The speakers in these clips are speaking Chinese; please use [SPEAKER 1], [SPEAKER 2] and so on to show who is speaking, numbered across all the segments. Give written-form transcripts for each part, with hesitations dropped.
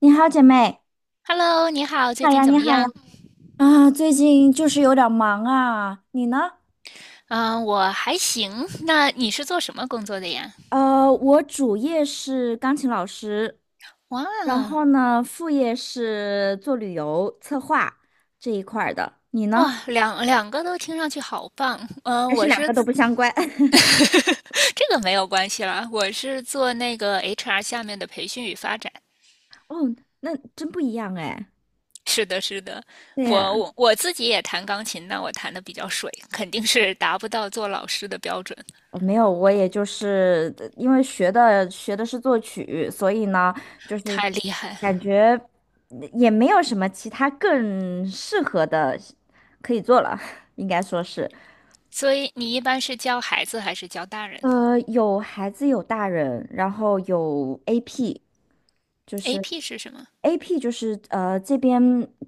[SPEAKER 1] 你好，姐妹
[SPEAKER 2] Hello，你好，最
[SPEAKER 1] 好
[SPEAKER 2] 近
[SPEAKER 1] 呀，
[SPEAKER 2] 怎
[SPEAKER 1] 你
[SPEAKER 2] 么
[SPEAKER 1] 好呀。
[SPEAKER 2] 样？
[SPEAKER 1] 啊，最近就是有点儿忙啊，你呢？
[SPEAKER 2] 嗯、我还行。那你是做什么工作的呀？
[SPEAKER 1] 我主业是钢琴老师，然
[SPEAKER 2] 哇，
[SPEAKER 1] 后呢，副业是做旅游策划这一块儿的，你呢？
[SPEAKER 2] 哇，两个都听上去好棒。
[SPEAKER 1] 还
[SPEAKER 2] 嗯、
[SPEAKER 1] 是
[SPEAKER 2] 我
[SPEAKER 1] 两
[SPEAKER 2] 是
[SPEAKER 1] 个都不相关？
[SPEAKER 2] 这个没有关系啦，我是做那个 HR 下面的培训与发展。
[SPEAKER 1] 哦，那真不一样哎。
[SPEAKER 2] 是的，是的，
[SPEAKER 1] 对
[SPEAKER 2] 我
[SPEAKER 1] 呀。
[SPEAKER 2] 我我自己也弹钢琴，但我弹的比较水，肯定是达不到做老师的标准，
[SPEAKER 1] 没有，我也就是因为学的是作曲，所以呢，就是
[SPEAKER 2] 太厉害了。
[SPEAKER 1] 感觉也没有什么其他更适合的可以做了，应该说是，
[SPEAKER 2] 所以你一般是教孩子还是教大人
[SPEAKER 1] 有孩子有大人，然后有 AP，就是
[SPEAKER 2] ？AP 是什么？
[SPEAKER 1] AP 就是这边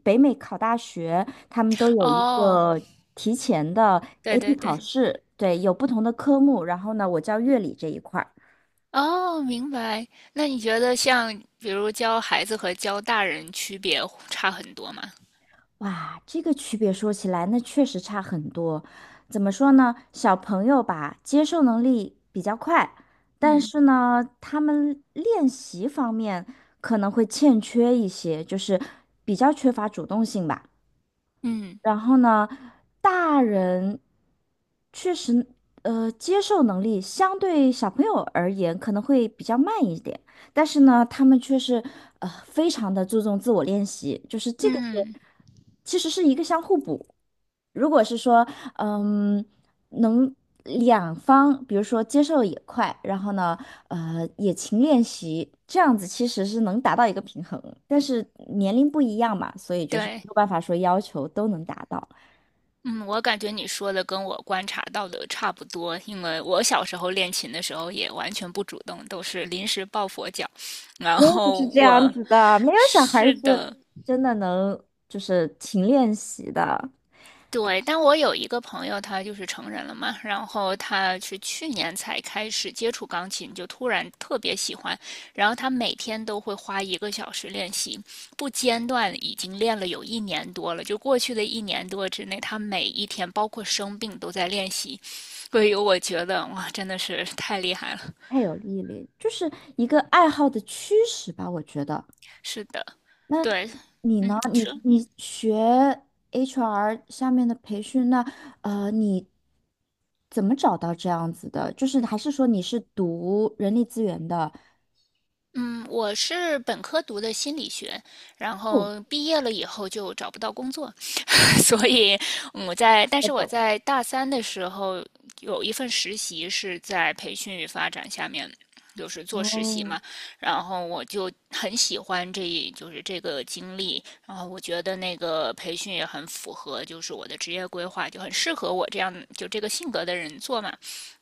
[SPEAKER 1] 北美考大学，他们都有一
[SPEAKER 2] 哦，
[SPEAKER 1] 个提前的
[SPEAKER 2] 对
[SPEAKER 1] AP
[SPEAKER 2] 对对，
[SPEAKER 1] 考试，对，有不同的科目，然后呢，我教乐理这一块。
[SPEAKER 2] 哦，明白。那你觉得像比如教孩子和教大人区别差很多吗？
[SPEAKER 1] 哇，这个区别说起来，那确实差很多。怎么说呢？小朋友吧，接受能力比较快，但
[SPEAKER 2] 嗯
[SPEAKER 1] 是呢，他们练习方面可能会欠缺一些，就是比较缺乏主动性吧。
[SPEAKER 2] 嗯
[SPEAKER 1] 然后呢，大人确实，接受能力相对小朋友而言可能会比较慢一点，但是呢，他们却是非常的注重自我练习，就是这个是
[SPEAKER 2] 嗯，
[SPEAKER 1] 其实是一个相互补。如果是说，嗯。能两方，比如说接受也快，然后呢，也勤练习，这样子其实是能达到一个平衡。但是年龄不一样嘛，所以就是没
[SPEAKER 2] 对，
[SPEAKER 1] 有办法说要求都能达到。
[SPEAKER 2] 嗯，我感觉你说的跟我观察到的差不多，因为我小时候练琴的时候也完全不主动，都是临时抱佛脚。然
[SPEAKER 1] 我也
[SPEAKER 2] 后
[SPEAKER 1] 是这样
[SPEAKER 2] 我
[SPEAKER 1] 子的，没有小孩
[SPEAKER 2] 是
[SPEAKER 1] 是
[SPEAKER 2] 的，
[SPEAKER 1] 真的能就是勤练习的，
[SPEAKER 2] 对，但我有一个朋友，他就是成人了嘛，然后他是去年才开始接触钢琴，就突然特别喜欢，然后他每天都会花1个小时练习，不间断，已经练了有一年多了。就过去的一年多之内，他每一天，包括生病，都在练习，所以我觉得哇，真的是太厉害了。
[SPEAKER 1] 太有毅力，就是一个爱好的驱使吧，我觉得。
[SPEAKER 2] 是的，
[SPEAKER 1] 那
[SPEAKER 2] 对，
[SPEAKER 1] 你
[SPEAKER 2] 嗯，
[SPEAKER 1] 呢？
[SPEAKER 2] 你说，
[SPEAKER 1] 你学 HR 下面的培训，那你怎么找到这样子的？就是还是说你是读人力资源的？
[SPEAKER 2] 嗯，我是本科读的心理学，然
[SPEAKER 1] 哦，
[SPEAKER 2] 后毕业了以后就找不到工作，所以我在，但
[SPEAKER 1] 我
[SPEAKER 2] 是我
[SPEAKER 1] 懂。
[SPEAKER 2] 在大三的时候有一份实习是在培训与发展下面，就是做实习嘛，然后我就很喜欢就是这个经历，然后我觉得那个培训也很符合，就是我的职业规划，就很适合我这样就这个性格的人做嘛，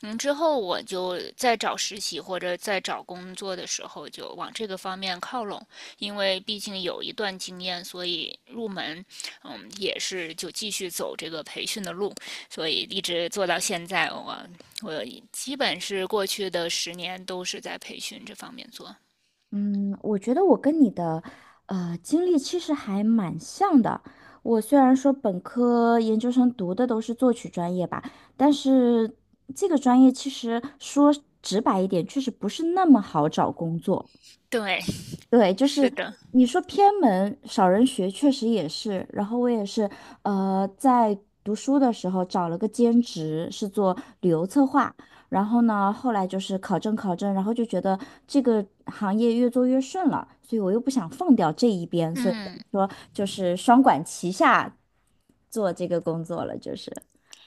[SPEAKER 2] 嗯，之后我就在找实习或者在找工作的时候，就往这个方面靠拢，因为毕竟有一段经验，所以入门，嗯，也是就继续走这个培训的路，所以一直做到现在，我基本是过去的10年都是在培训这方面做。
[SPEAKER 1] 嗯，我觉得我跟你的经历其实还蛮像的。我虽然说本科、研究生读的都是作曲专业吧，但是这个专业其实说直白一点，确实不是那么好找工作。
[SPEAKER 2] 对，
[SPEAKER 1] 对，就
[SPEAKER 2] 是
[SPEAKER 1] 是
[SPEAKER 2] 的，
[SPEAKER 1] 你说偏门少人学，确实也是。然后我也是，在读书的时候找了个兼职，是做旅游策划。然后呢，后来就是考证考证，然后就觉得这个行业越做越顺了，所以我又不想放掉这一边，所以等
[SPEAKER 2] 嗯，
[SPEAKER 1] 于说就是双管齐下做这个工作了，就是。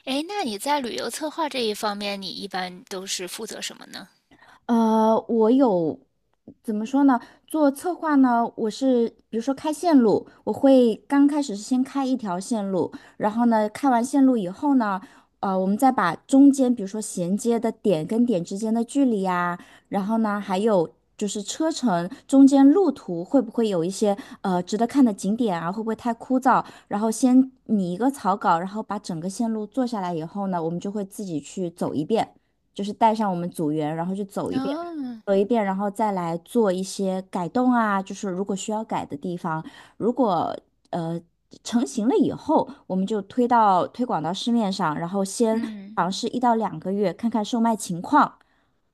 [SPEAKER 2] 诶，那你在旅游策划这一方面，你一般都是负责什么呢？
[SPEAKER 1] 我有怎么说呢？做策划呢，我是比如说开线路，我会刚开始是先开一条线路，然后呢，开完线路以后呢，我们再把中间比如说衔接的点跟点之间的距离呀，然后呢，还有就是车程中间路途会不会有一些值得看的景点啊，会不会太枯燥？然后先拟一个草稿，然后把整个线路做下来以后呢，我们就会自己去走一遍。就是带上我们组员，然后去走一遍，
[SPEAKER 2] 哦，
[SPEAKER 1] 然后再来做一些改动啊，就是如果需要改的地方，如果呃成型了以后，我们就推广到市面上，然后先
[SPEAKER 2] 嗯，
[SPEAKER 1] 尝试一到两个月，看看售卖情况。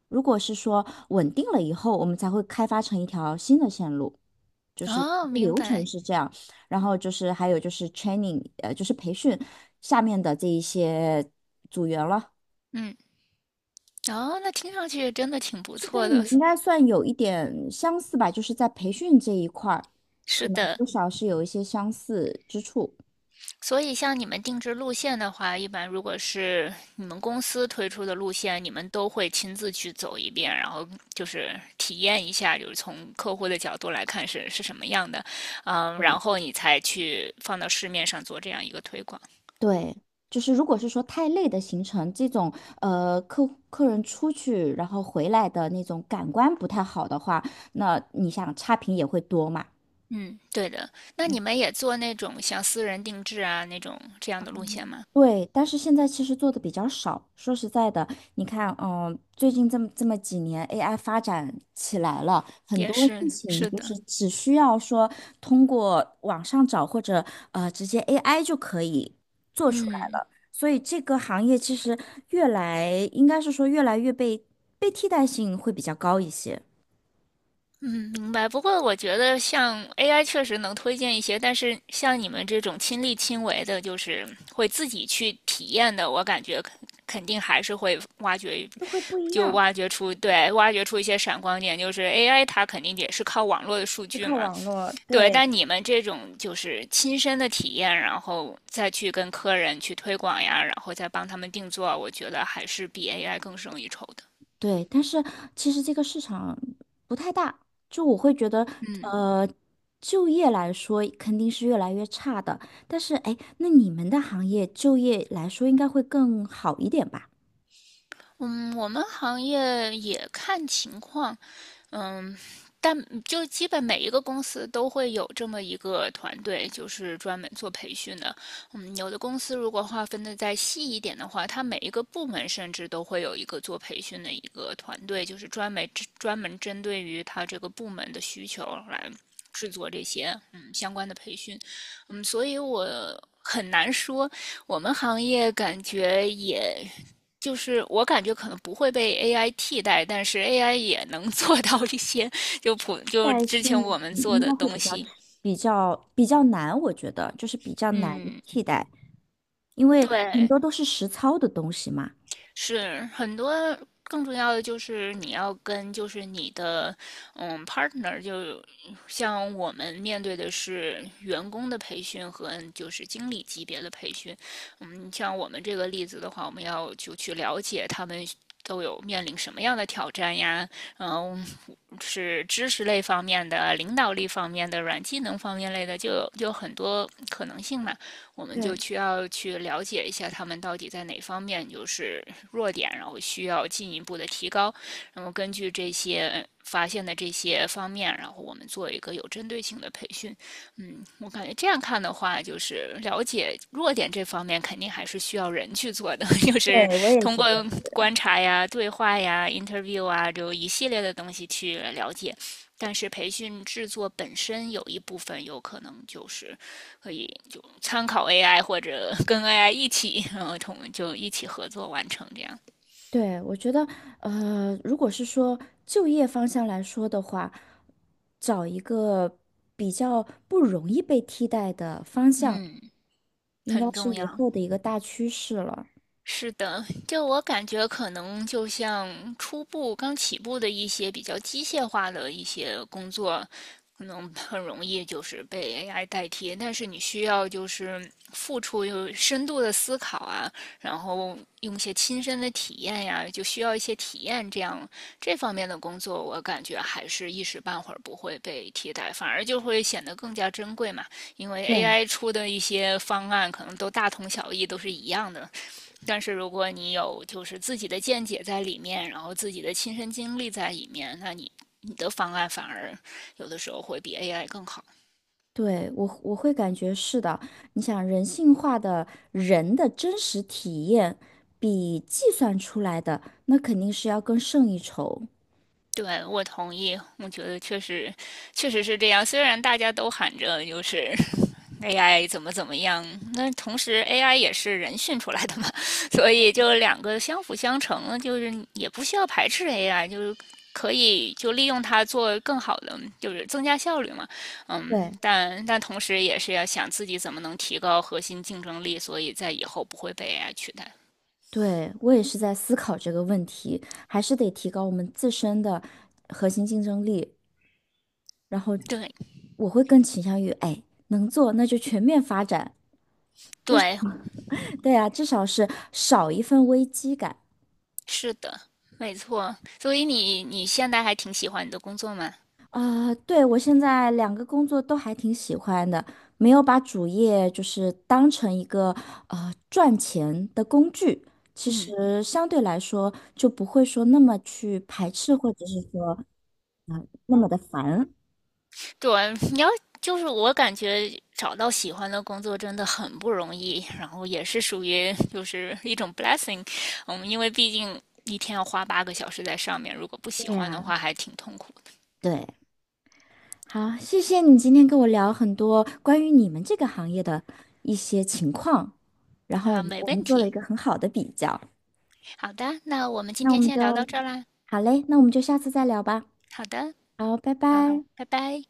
[SPEAKER 1] 如果是说稳定了以后，我们才会开发成一条新的线路，就是
[SPEAKER 2] 哦，明
[SPEAKER 1] 流程
[SPEAKER 2] 白，
[SPEAKER 1] 是这样。然后就是还有就是 training，就是培训下面的这一些组员了。
[SPEAKER 2] 嗯。哦，那听上去真的挺不
[SPEAKER 1] 跟
[SPEAKER 2] 错
[SPEAKER 1] 你
[SPEAKER 2] 的。
[SPEAKER 1] 应 该算有一点相似吧，就是在培训这一块儿，可
[SPEAKER 2] 是
[SPEAKER 1] 能
[SPEAKER 2] 的，
[SPEAKER 1] 多少是有一些相似之处。
[SPEAKER 2] 所以像你们定制路线的话，一般如果是你们公司推出的路线，你们都会亲自去走一遍，然后就是体验一下，就是从客户的角度来看是什么样的，嗯，
[SPEAKER 1] 对
[SPEAKER 2] 然后你才去放到市面上做这样一个推广。
[SPEAKER 1] 对，就是如果是说太累的行程，这种客人出去然后回来的那种感官不太好的话，那你想差评也会多嘛。
[SPEAKER 2] 嗯，对的。那你们也做那种像私人定制啊那种这样的路线吗？
[SPEAKER 1] 对，但是现在其实做的比较少。说实在的，你看，最近这么几年，AI 发展起来了，很
[SPEAKER 2] 也
[SPEAKER 1] 多事
[SPEAKER 2] 是，
[SPEAKER 1] 情
[SPEAKER 2] 是
[SPEAKER 1] 就是
[SPEAKER 2] 的。
[SPEAKER 1] 只需要说通过网上找或者直接 AI 就可以做出来
[SPEAKER 2] 嗯。
[SPEAKER 1] 了。所以这个行业其实越来应该是说越来越被替代性会比较高一些，
[SPEAKER 2] 嗯，明白。不过我觉得像 AI 确实能推荐一些，但是像你们这种亲力亲为的，就是会自己去体验的，我感觉肯定还是会挖掘，
[SPEAKER 1] 就会不一
[SPEAKER 2] 就
[SPEAKER 1] 样，
[SPEAKER 2] 挖掘出，对，挖掘出一些闪光点。就是 AI 它肯定也是靠网络的数
[SPEAKER 1] 就
[SPEAKER 2] 据
[SPEAKER 1] 靠
[SPEAKER 2] 嘛，
[SPEAKER 1] 网络，
[SPEAKER 2] 对。
[SPEAKER 1] 对。
[SPEAKER 2] 但你们这种就是亲身的体验，然后再去跟客人去推广呀，然后再帮他们定做，我觉得还是比 AI 更胜一筹的。
[SPEAKER 1] 对，但是其实这个市场不太大，就我会觉得，呃，就业来说肯定是越来越差的。但是，哎，那你们的行业就业来说应该会更好一点吧？
[SPEAKER 2] 嗯，我们行业也看情况，但就基本每一个公司都会有这么一个团队，就是专门做培训的。嗯，有的公司如果划分的再细一点的话，它每一个部门甚至都会有一个做培训的一个团队，就是专门针对于它这个部门的需求来制作这些相关的培训。嗯，所以我很难说，我们行业感觉也就是我感觉可能不会被 AI 替代，但是 AI 也能 做到一些就
[SPEAKER 1] 但
[SPEAKER 2] 之
[SPEAKER 1] 是
[SPEAKER 2] 前我们
[SPEAKER 1] 你
[SPEAKER 2] 做
[SPEAKER 1] 应
[SPEAKER 2] 的
[SPEAKER 1] 该会
[SPEAKER 2] 东
[SPEAKER 1] 比较
[SPEAKER 2] 西。
[SPEAKER 1] 比较比较难，我觉得就是比较难
[SPEAKER 2] 嗯，
[SPEAKER 1] 替代，因为很
[SPEAKER 2] 对，
[SPEAKER 1] 多都是实操的东西嘛。
[SPEAKER 2] 是很多。更重要的就是你要跟就是你的partner，就像我们面对的是员工的培训和就是经理级别的培训，嗯，像我们这个例子的话，我们要就去了解他们都有面临什么样的挑战呀，嗯，是知识类方面的、领导力方面的、软技能方面类的，就有很多可能性嘛。我们就
[SPEAKER 1] 对，
[SPEAKER 2] 需要去了解一下他们到底在哪方面就是弱点，然后需要进一步的提高。然后根据这些发现的这些方面，然后我们做一个有针对性的培训。嗯，我感觉这样看的话，就是了解弱点这方面，肯定还是需要人去做的，就是
[SPEAKER 1] 对，我也
[SPEAKER 2] 通
[SPEAKER 1] 觉
[SPEAKER 2] 过
[SPEAKER 1] 得。
[SPEAKER 2] 观察呀、对话呀、interview 啊，就一系列的东西去了解。但是培训制作本身有一部分有可能就是可以就参考 AI 或者跟 AI 一起，然后就一起合作完成这样。
[SPEAKER 1] 对，我觉得，如果是说就业方向来说的话，找一个比较不容易被替代的方向，
[SPEAKER 2] 嗯，
[SPEAKER 1] 应该
[SPEAKER 2] 很
[SPEAKER 1] 是
[SPEAKER 2] 重
[SPEAKER 1] 以
[SPEAKER 2] 要。
[SPEAKER 1] 后的一个大趋势了。
[SPEAKER 2] 是的，就我感觉，可能就像初步刚起步的一些比较机械化的一些工作，可能很容易就是被 AI 代替。但是你需要就是付出有深度的思考啊，然后用一些亲身的体验呀，就需要一些体验。这样这方面的工作，我感觉还是一时半会儿不会被替代，反而就会显得更加珍贵嘛。因为
[SPEAKER 1] 对，
[SPEAKER 2] AI 出的一些方案可能都大同小异，都是一样的。但是如果你有就是自己的见解在里面，然后自己的亲身经历在里面，那你的方案反而有的时候会比 AI 更好。
[SPEAKER 1] 对，我会感觉是的。你想，人性化的人的真实体验，比计算出来的那肯定是要更胜一筹。
[SPEAKER 2] 对，我同意，我觉得确实，确实是这样。虽然大家都喊着就是 AI 怎么怎么样，那同时 AI 也是人训出来的嘛，所以就两个相辅相成，就是也不需要排斥 AI，就是可以就利用它做更好的，就是增加效率嘛。嗯，
[SPEAKER 1] 对，
[SPEAKER 2] 但同时也是要想自己怎么能提高核心竞争力，所以在以后不会被 AI 取代。
[SPEAKER 1] 对，我也是在思考这个问题，还是得提高我们自身的核心竞争力。然后
[SPEAKER 2] 对
[SPEAKER 1] 我会更倾向于，哎，能做那就全面发展，
[SPEAKER 2] 对，
[SPEAKER 1] 对啊，至少是少一份危机感
[SPEAKER 2] 是的，没错。所以你现在还挺喜欢你的工作吗？
[SPEAKER 1] 啊。对，我现在两个工作都还挺喜欢的，没有把主业就是当成一个赚钱的工具，其
[SPEAKER 2] 嗯，
[SPEAKER 1] 实相对来说就不会说那么去排斥，或者是说啊、那么的烦。
[SPEAKER 2] 对，就是我感觉找到喜欢的工作真的很不容易，然后也是属于就是一种 blessing，嗯，因为毕竟一天要花8个小时在上面，如果不喜
[SPEAKER 1] 对
[SPEAKER 2] 欢的
[SPEAKER 1] 呀。
[SPEAKER 2] 话，还挺痛苦
[SPEAKER 1] 对。好，谢谢你今天跟我聊很多关于你们这个行业的一些情况，然
[SPEAKER 2] 的
[SPEAKER 1] 后我
[SPEAKER 2] 啊。
[SPEAKER 1] 们
[SPEAKER 2] 没
[SPEAKER 1] 我们
[SPEAKER 2] 问
[SPEAKER 1] 做了一
[SPEAKER 2] 题，
[SPEAKER 1] 个很好的比较。
[SPEAKER 2] 好的，那我们今
[SPEAKER 1] 那我
[SPEAKER 2] 天
[SPEAKER 1] 们
[SPEAKER 2] 先聊到
[SPEAKER 1] 就，
[SPEAKER 2] 这儿啦。
[SPEAKER 1] 好嘞，那我们就下次再聊吧。
[SPEAKER 2] 好的，
[SPEAKER 1] 好，拜
[SPEAKER 2] 好，
[SPEAKER 1] 拜。
[SPEAKER 2] 拜拜。